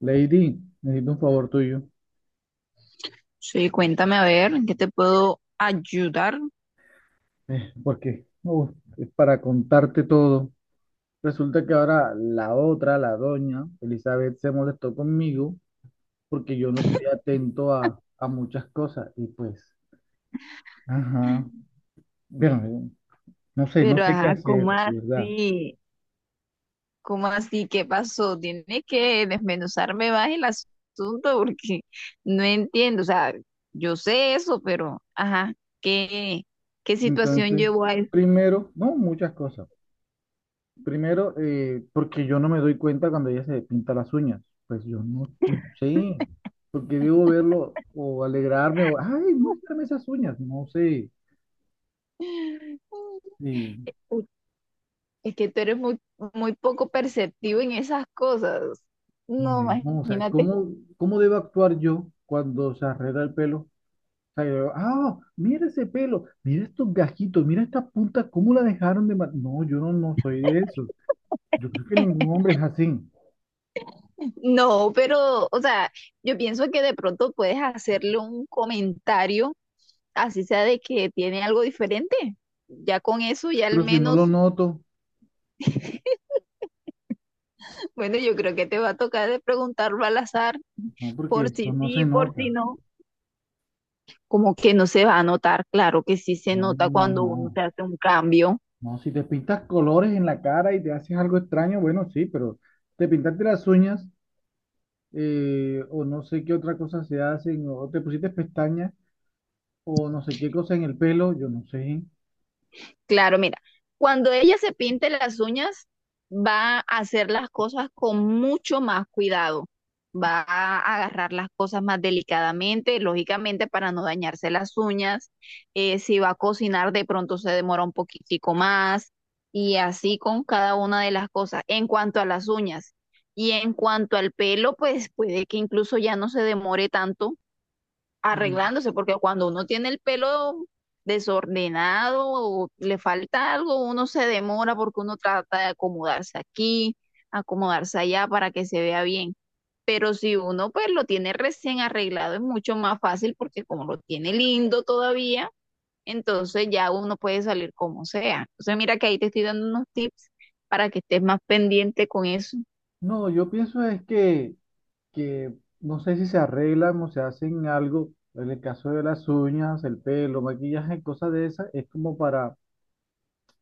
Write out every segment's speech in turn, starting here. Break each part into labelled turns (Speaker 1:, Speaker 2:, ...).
Speaker 1: Lady, necesito un favor tuyo,
Speaker 2: Sí, cuéntame a ver, ¿en qué te puedo ayudar?
Speaker 1: porque uf, es para contarte todo. Resulta que ahora la otra, la doña Elizabeth, se molestó conmigo porque yo no estoy atento a muchas cosas y pues, ajá, pero no sé, no
Speaker 2: Pero
Speaker 1: sé qué
Speaker 2: ajá,
Speaker 1: hacer,
Speaker 2: ¿cómo
Speaker 1: de ¿verdad?
Speaker 2: así? ¿Cómo así? ¿Qué pasó? Tienes que desmenuzarme más el asunto porque no entiendo. O sea, yo sé eso, pero ajá, ¿qué, ¿qué situación
Speaker 1: Entonces,
Speaker 2: llevó a eso?
Speaker 1: primero, no, muchas cosas. Primero, porque yo no me doy cuenta cuando ella se pinta las uñas. Pues yo no, no sé, porque debo verlo o alegrarme o, ay, muéstrame esas uñas. No sé. Y
Speaker 2: Uy, es que tú eres muy poco perceptivo en esas cosas. No,
Speaker 1: no, o sea,
Speaker 2: imagínate.
Speaker 1: ¿cómo debo actuar yo cuando se arregla el pelo? O sea, yo digo, ah, mira ese pelo, mira estos gajitos, mira esta punta, ¿cómo la dejaron de... No, yo no, no soy de eso. Yo creo que ningún hombre es así.
Speaker 2: No, pero, o sea, yo pienso que de pronto puedes hacerle un comentario, así sea de que tiene algo diferente. Ya con eso, ya al
Speaker 1: Pero si no lo
Speaker 2: menos,
Speaker 1: noto,
Speaker 2: bueno, yo creo que te va a tocar de preguntarlo al azar,
Speaker 1: no, porque
Speaker 2: por
Speaker 1: eso
Speaker 2: si
Speaker 1: no
Speaker 2: sí,
Speaker 1: se
Speaker 2: por si
Speaker 1: nota.
Speaker 2: no. Como que no se va a notar, claro que sí se
Speaker 1: No, no,
Speaker 2: nota
Speaker 1: no,
Speaker 2: cuando uno se
Speaker 1: no.
Speaker 2: hace un cambio.
Speaker 1: No, si te pintas colores en la cara y te haces algo extraño, bueno, sí, pero te pintaste las uñas, o no sé qué otra cosa se hacen, o te pusiste pestañas o no sé qué cosa en el pelo, yo no sé.
Speaker 2: Claro, mira, cuando ella se pinte las uñas, va a hacer las cosas con mucho más cuidado. Va a agarrar las cosas más delicadamente, lógicamente para no dañarse las uñas. Si va a cocinar, de pronto se demora un poquitico más y así con cada una de las cosas. En cuanto a las uñas y en cuanto al pelo, pues puede que incluso ya no se demore tanto
Speaker 1: Mm.
Speaker 2: arreglándose, porque cuando uno tiene el pelo desordenado o le falta algo, uno se demora porque uno trata de acomodarse aquí, acomodarse allá para que se vea bien. Pero si uno pues lo tiene recién arreglado es mucho más fácil porque como lo tiene lindo todavía, entonces ya uno puede salir como sea. Entonces mira que ahí te estoy dando unos tips para que estés más pendiente con eso.
Speaker 1: No, yo pienso es que no sé si se arreglan o se hacen algo, en el caso de las uñas, el pelo, maquillaje, cosas de esas, es como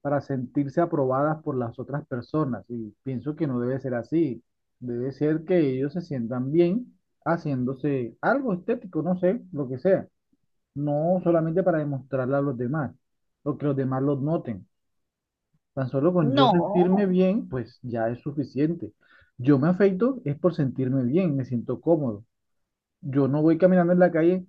Speaker 1: para sentirse aprobadas por las otras personas. Y pienso que no debe ser así. Debe ser que ellos se sientan bien haciéndose algo estético, no sé, lo que sea. No solamente para demostrarle a los demás, o que los demás los noten. Tan solo con yo
Speaker 2: No,
Speaker 1: sentirme bien, pues ya es suficiente. Yo me afeito es por sentirme bien, me siento cómodo. Yo no voy caminando en la calle,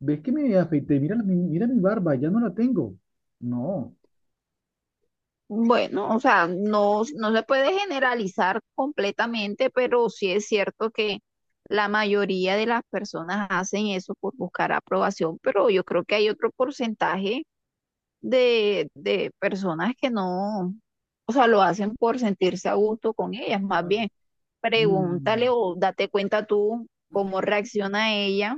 Speaker 1: ves que me afeité, mira, mira mi barba, ya no la tengo. No.
Speaker 2: bueno, o sea, no se puede generalizar completamente, pero sí es cierto que la mayoría de las personas hacen eso por buscar aprobación, pero yo creo que hay otro porcentaje de personas que no, o sea, lo hacen por sentirse a gusto con ellas. Más bien, pregúntale
Speaker 1: Mm.
Speaker 2: o date cuenta tú cómo reacciona ella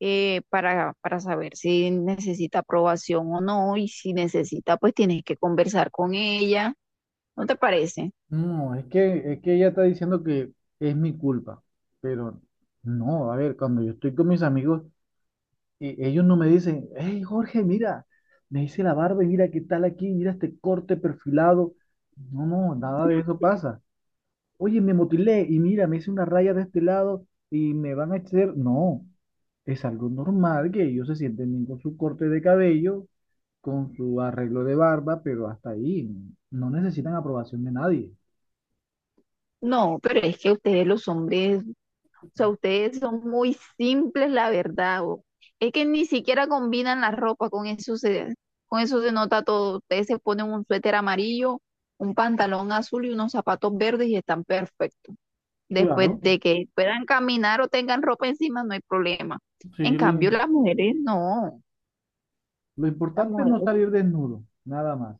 Speaker 2: para saber si necesita aprobación o no, y si necesita, pues tienes que conversar con ella. ¿No te parece?
Speaker 1: No, es que ella está diciendo que es mi culpa, pero no, a ver, cuando yo estoy con mis amigos, ellos no me dicen, hey, Jorge, mira, me hice la barba y mira qué tal aquí, mira este corte perfilado. No, no, nada de eso pasa. Oye, me motilé y mira, me hice una raya de este lado y me van a hacer. No, es algo normal que ellos se sienten bien con su corte de cabello, con su arreglo de barba, pero hasta ahí, no necesitan aprobación de nadie.
Speaker 2: No, pero es que ustedes los hombres, o sea, ustedes son muy simples, la verdad. Es que ni siquiera combinan la ropa, con eso se nota todo. Ustedes se ponen un suéter amarillo, un pantalón azul y unos zapatos verdes y están perfectos. Después
Speaker 1: Claro.
Speaker 2: de que puedan caminar o tengan ropa encima, no hay problema. En
Speaker 1: Sí,
Speaker 2: cambio, las mujeres no.
Speaker 1: lo
Speaker 2: Las
Speaker 1: importante es no
Speaker 2: mujeres
Speaker 1: salir desnudo, nada más.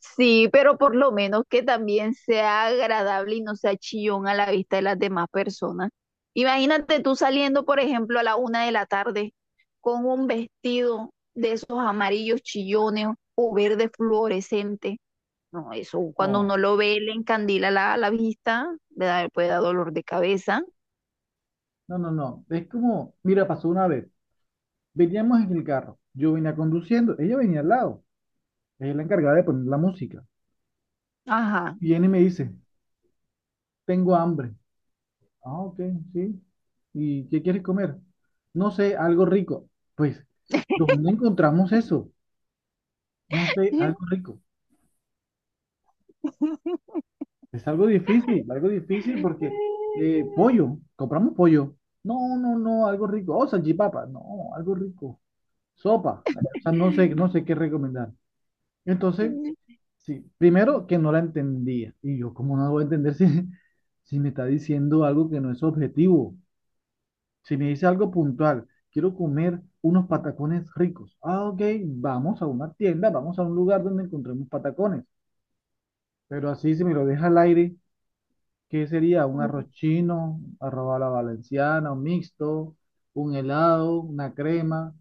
Speaker 2: sí, pero por lo menos que también sea agradable y no sea chillón a la vista de las demás personas. Imagínate tú saliendo, por ejemplo, a la una de la tarde con un vestido de esos amarillos chillones o verde fluorescente. No, eso cuando
Speaker 1: No,
Speaker 2: uno lo ve, le encandila la vista, le da, puede dar dolor de cabeza.
Speaker 1: no, no, no. Es como, mira, pasó una vez. Veníamos en el carro. Yo venía conduciendo, ella venía al lado. Ella es la encargada de poner la música.
Speaker 2: Ajá.
Speaker 1: Viene y me dice, tengo hambre. Ah, ok, sí. ¿Y qué quieres comer? No sé, algo rico. Pues, ¿dónde encontramos eso? No sé, algo rico. Es algo difícil porque pollo, compramos pollo. No, no, no, algo rico. Oh, salchipapa. No, algo rico. Sopa. O sea, no sé, no sé qué recomendar. Entonces, sí, primero que no la entendía. Y yo, ¿cómo no la voy a entender si, si me está diciendo algo que no es objetivo? Si me dice algo puntual, quiero comer unos patacones ricos. Ah, ok, vamos a una tienda, vamos a un lugar donde encontremos patacones. Pero así, si me lo deja al aire, ¿qué sería? Un arroz chino, arroz a la valenciana, un mixto, un helado, una crema.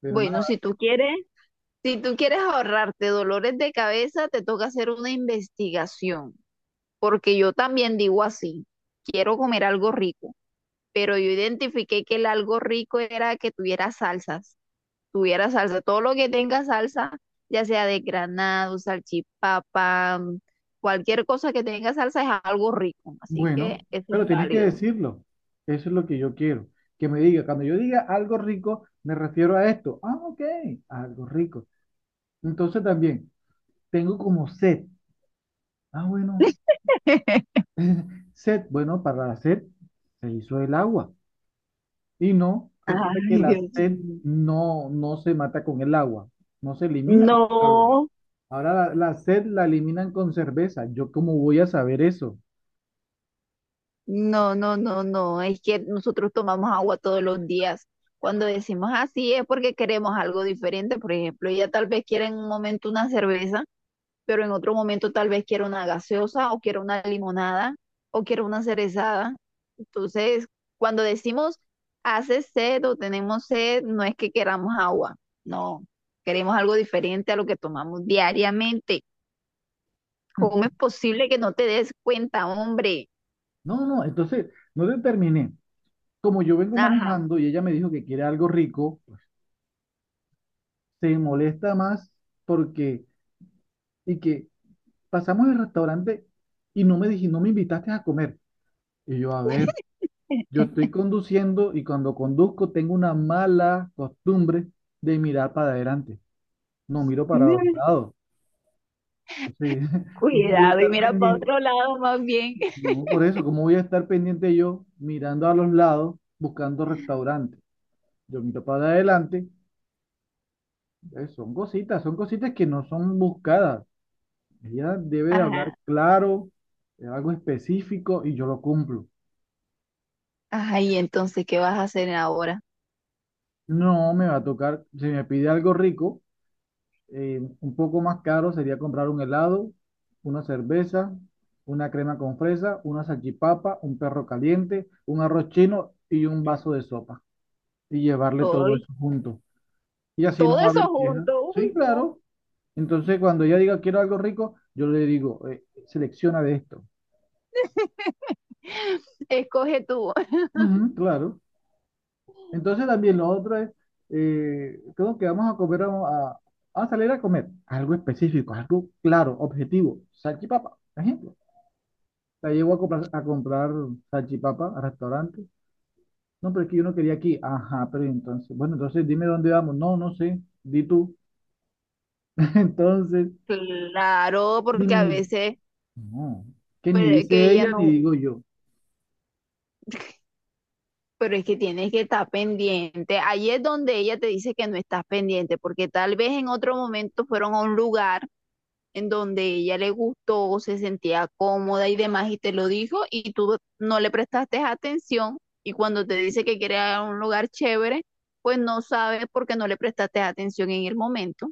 Speaker 1: Pero
Speaker 2: Bueno,
Speaker 1: nada.
Speaker 2: si tú quieres, si tú quieres ahorrarte dolores de cabeza, te toca hacer una investigación, porque yo también digo así, quiero comer algo rico, pero yo identifiqué que el algo rico era que tuviera salsas, tuviera salsa, todo lo que tenga salsa, ya sea de granado, salchipapa, cualquier cosa que tenga salsa es algo rico, así que
Speaker 1: Bueno,
Speaker 2: eso es
Speaker 1: pero tienes que
Speaker 2: válido.
Speaker 1: decirlo. Eso es lo que yo quiero. Que me diga, cuando yo diga algo rico, me refiero a esto. Ah, ok, algo rico. Entonces también, tengo como sed. Ah, bueno, sed. Bueno, para la sed se hizo el agua. Y no, resulta que
Speaker 2: Ay,
Speaker 1: la
Speaker 2: Dios
Speaker 1: sed
Speaker 2: mío.
Speaker 1: no, no se mata con el agua, no se elimina con el agua.
Speaker 2: No.
Speaker 1: Ahora la sed la eliminan con cerveza. ¿Yo cómo voy a saber eso?
Speaker 2: No, no, no, no. Es que nosotros tomamos agua todos los días. Cuando decimos así es porque queremos algo diferente. Por ejemplo, ella tal vez quiera en un momento una cerveza, pero en otro momento tal vez quiera una gaseosa o quiera una limonada o quiera una cerezada. Entonces, cuando decimos hace sed o tenemos sed, no es que queramos agua. No, queremos algo diferente a lo que tomamos diariamente. ¿Cómo es posible que no te des cuenta, hombre?
Speaker 1: No, no, entonces no te terminé. Como yo vengo
Speaker 2: Ajá.
Speaker 1: manejando y ella me dijo que quiere algo rico, se molesta más porque, y que pasamos el restaurante y no me dije, no me invitaste a comer. Y yo, a ver, yo estoy conduciendo y cuando conduzco tengo una mala costumbre de mirar para adelante. No miro para los lados. Entonces, ¿cómo voy a
Speaker 2: Cuidado, y
Speaker 1: estar
Speaker 2: mira para
Speaker 1: pendiente?
Speaker 2: otro lado más bien.
Speaker 1: No, por eso, ¿cómo voy a estar pendiente yo mirando a los lados, buscando restaurantes? Yo miro para adelante. Son cositas que no son buscadas. Ella debe de hablar
Speaker 2: Ajá,
Speaker 1: claro, algo específico y yo lo cumplo.
Speaker 2: ajá, y entonces, ¿qué vas a hacer ahora?
Speaker 1: No me va a tocar, si me pide algo rico, un poco más caro sería comprar un helado, una cerveza, una crema con fresa, una salchipapa, un perro caliente, un arroz chino y un vaso de sopa. Y llevarle todo
Speaker 2: Hoy
Speaker 1: eso junto. Y así
Speaker 2: todo
Speaker 1: no va a
Speaker 2: eso
Speaker 1: haber quejas.
Speaker 2: junto,
Speaker 1: Sí,
Speaker 2: uy, no.
Speaker 1: claro. Entonces, cuando ella diga quiero algo rico, yo le digo, selecciona de esto.
Speaker 2: Escoge tú.
Speaker 1: Ujú, claro. Entonces también lo otro es, creo que vamos a comer, a salir a comer algo específico, algo claro, objetivo, salchipapa, por ejemplo. La llevo a a comprar salchipapa a restaurante. No, pero es que yo no quería aquí. Ajá, pero entonces, bueno, entonces dime dónde vamos. No, no sé, di tú. Entonces,
Speaker 2: Claro, porque a
Speaker 1: dime,
Speaker 2: veces,
Speaker 1: no, que ni
Speaker 2: pero es que
Speaker 1: dice
Speaker 2: ella
Speaker 1: ella ni
Speaker 2: no,
Speaker 1: digo yo.
Speaker 2: pero es que tienes que estar pendiente. Ahí es donde ella te dice que no estás pendiente, porque tal vez en otro momento fueron a un lugar en donde ella le gustó, se sentía cómoda y demás, y te lo dijo, y tú no le prestaste atención, y cuando te dice que quiere ir a un lugar chévere, pues no sabes porque no le prestaste atención en el momento.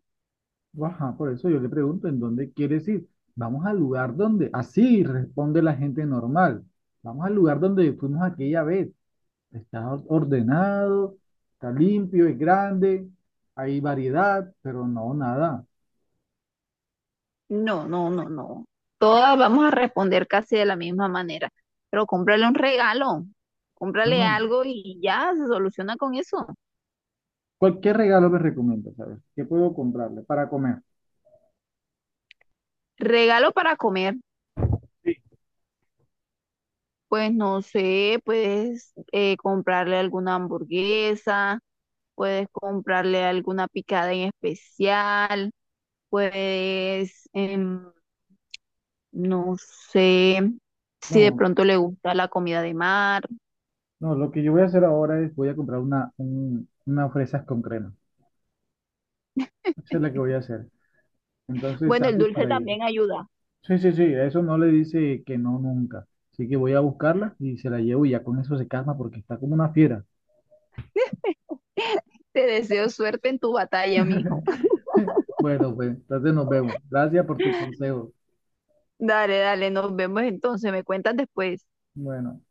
Speaker 1: Ajá, por eso yo le pregunto, ¿en dónde quieres ir? Vamos al lugar donde, así responde la gente normal. Vamos al lugar donde fuimos aquella vez. Está ordenado, está limpio, es grande, hay variedad, pero no, nada.
Speaker 2: No, no, no, no. Todas vamos a responder casi de la misma manera, pero cómprale un regalo,
Speaker 1: No,
Speaker 2: cómprale
Speaker 1: no.
Speaker 2: algo y ya se soluciona con eso.
Speaker 1: Cualquier regalo me recomienda, ¿sabes? ¿Qué puedo comprarle para comer?
Speaker 2: Regalo para comer,
Speaker 1: Sí.
Speaker 2: pues no sé, puedes comprarle alguna hamburguesa, puedes comprarle alguna picada en especial, puedes, em, no sé, si de
Speaker 1: No,
Speaker 2: pronto le gusta la comida de mar.
Speaker 1: no, lo que yo voy a hacer ahora es voy a comprar una, unas fresas con crema. Eso es lo que voy a hacer. Entonces,
Speaker 2: Bueno, el
Speaker 1: salud
Speaker 2: dulce
Speaker 1: para ella.
Speaker 2: también ayuda.
Speaker 1: Sí, sí, sí, a eso no le dice que no nunca. Así que voy a buscarla y se la llevo y ya con eso se calma porque está como una fiera.
Speaker 2: Te deseo suerte en tu batalla, mijo.
Speaker 1: Bueno, pues entonces nos vemos. Gracias por tu consejo.
Speaker 2: Dale, dale, nos vemos entonces, me cuentas después.
Speaker 1: Bueno.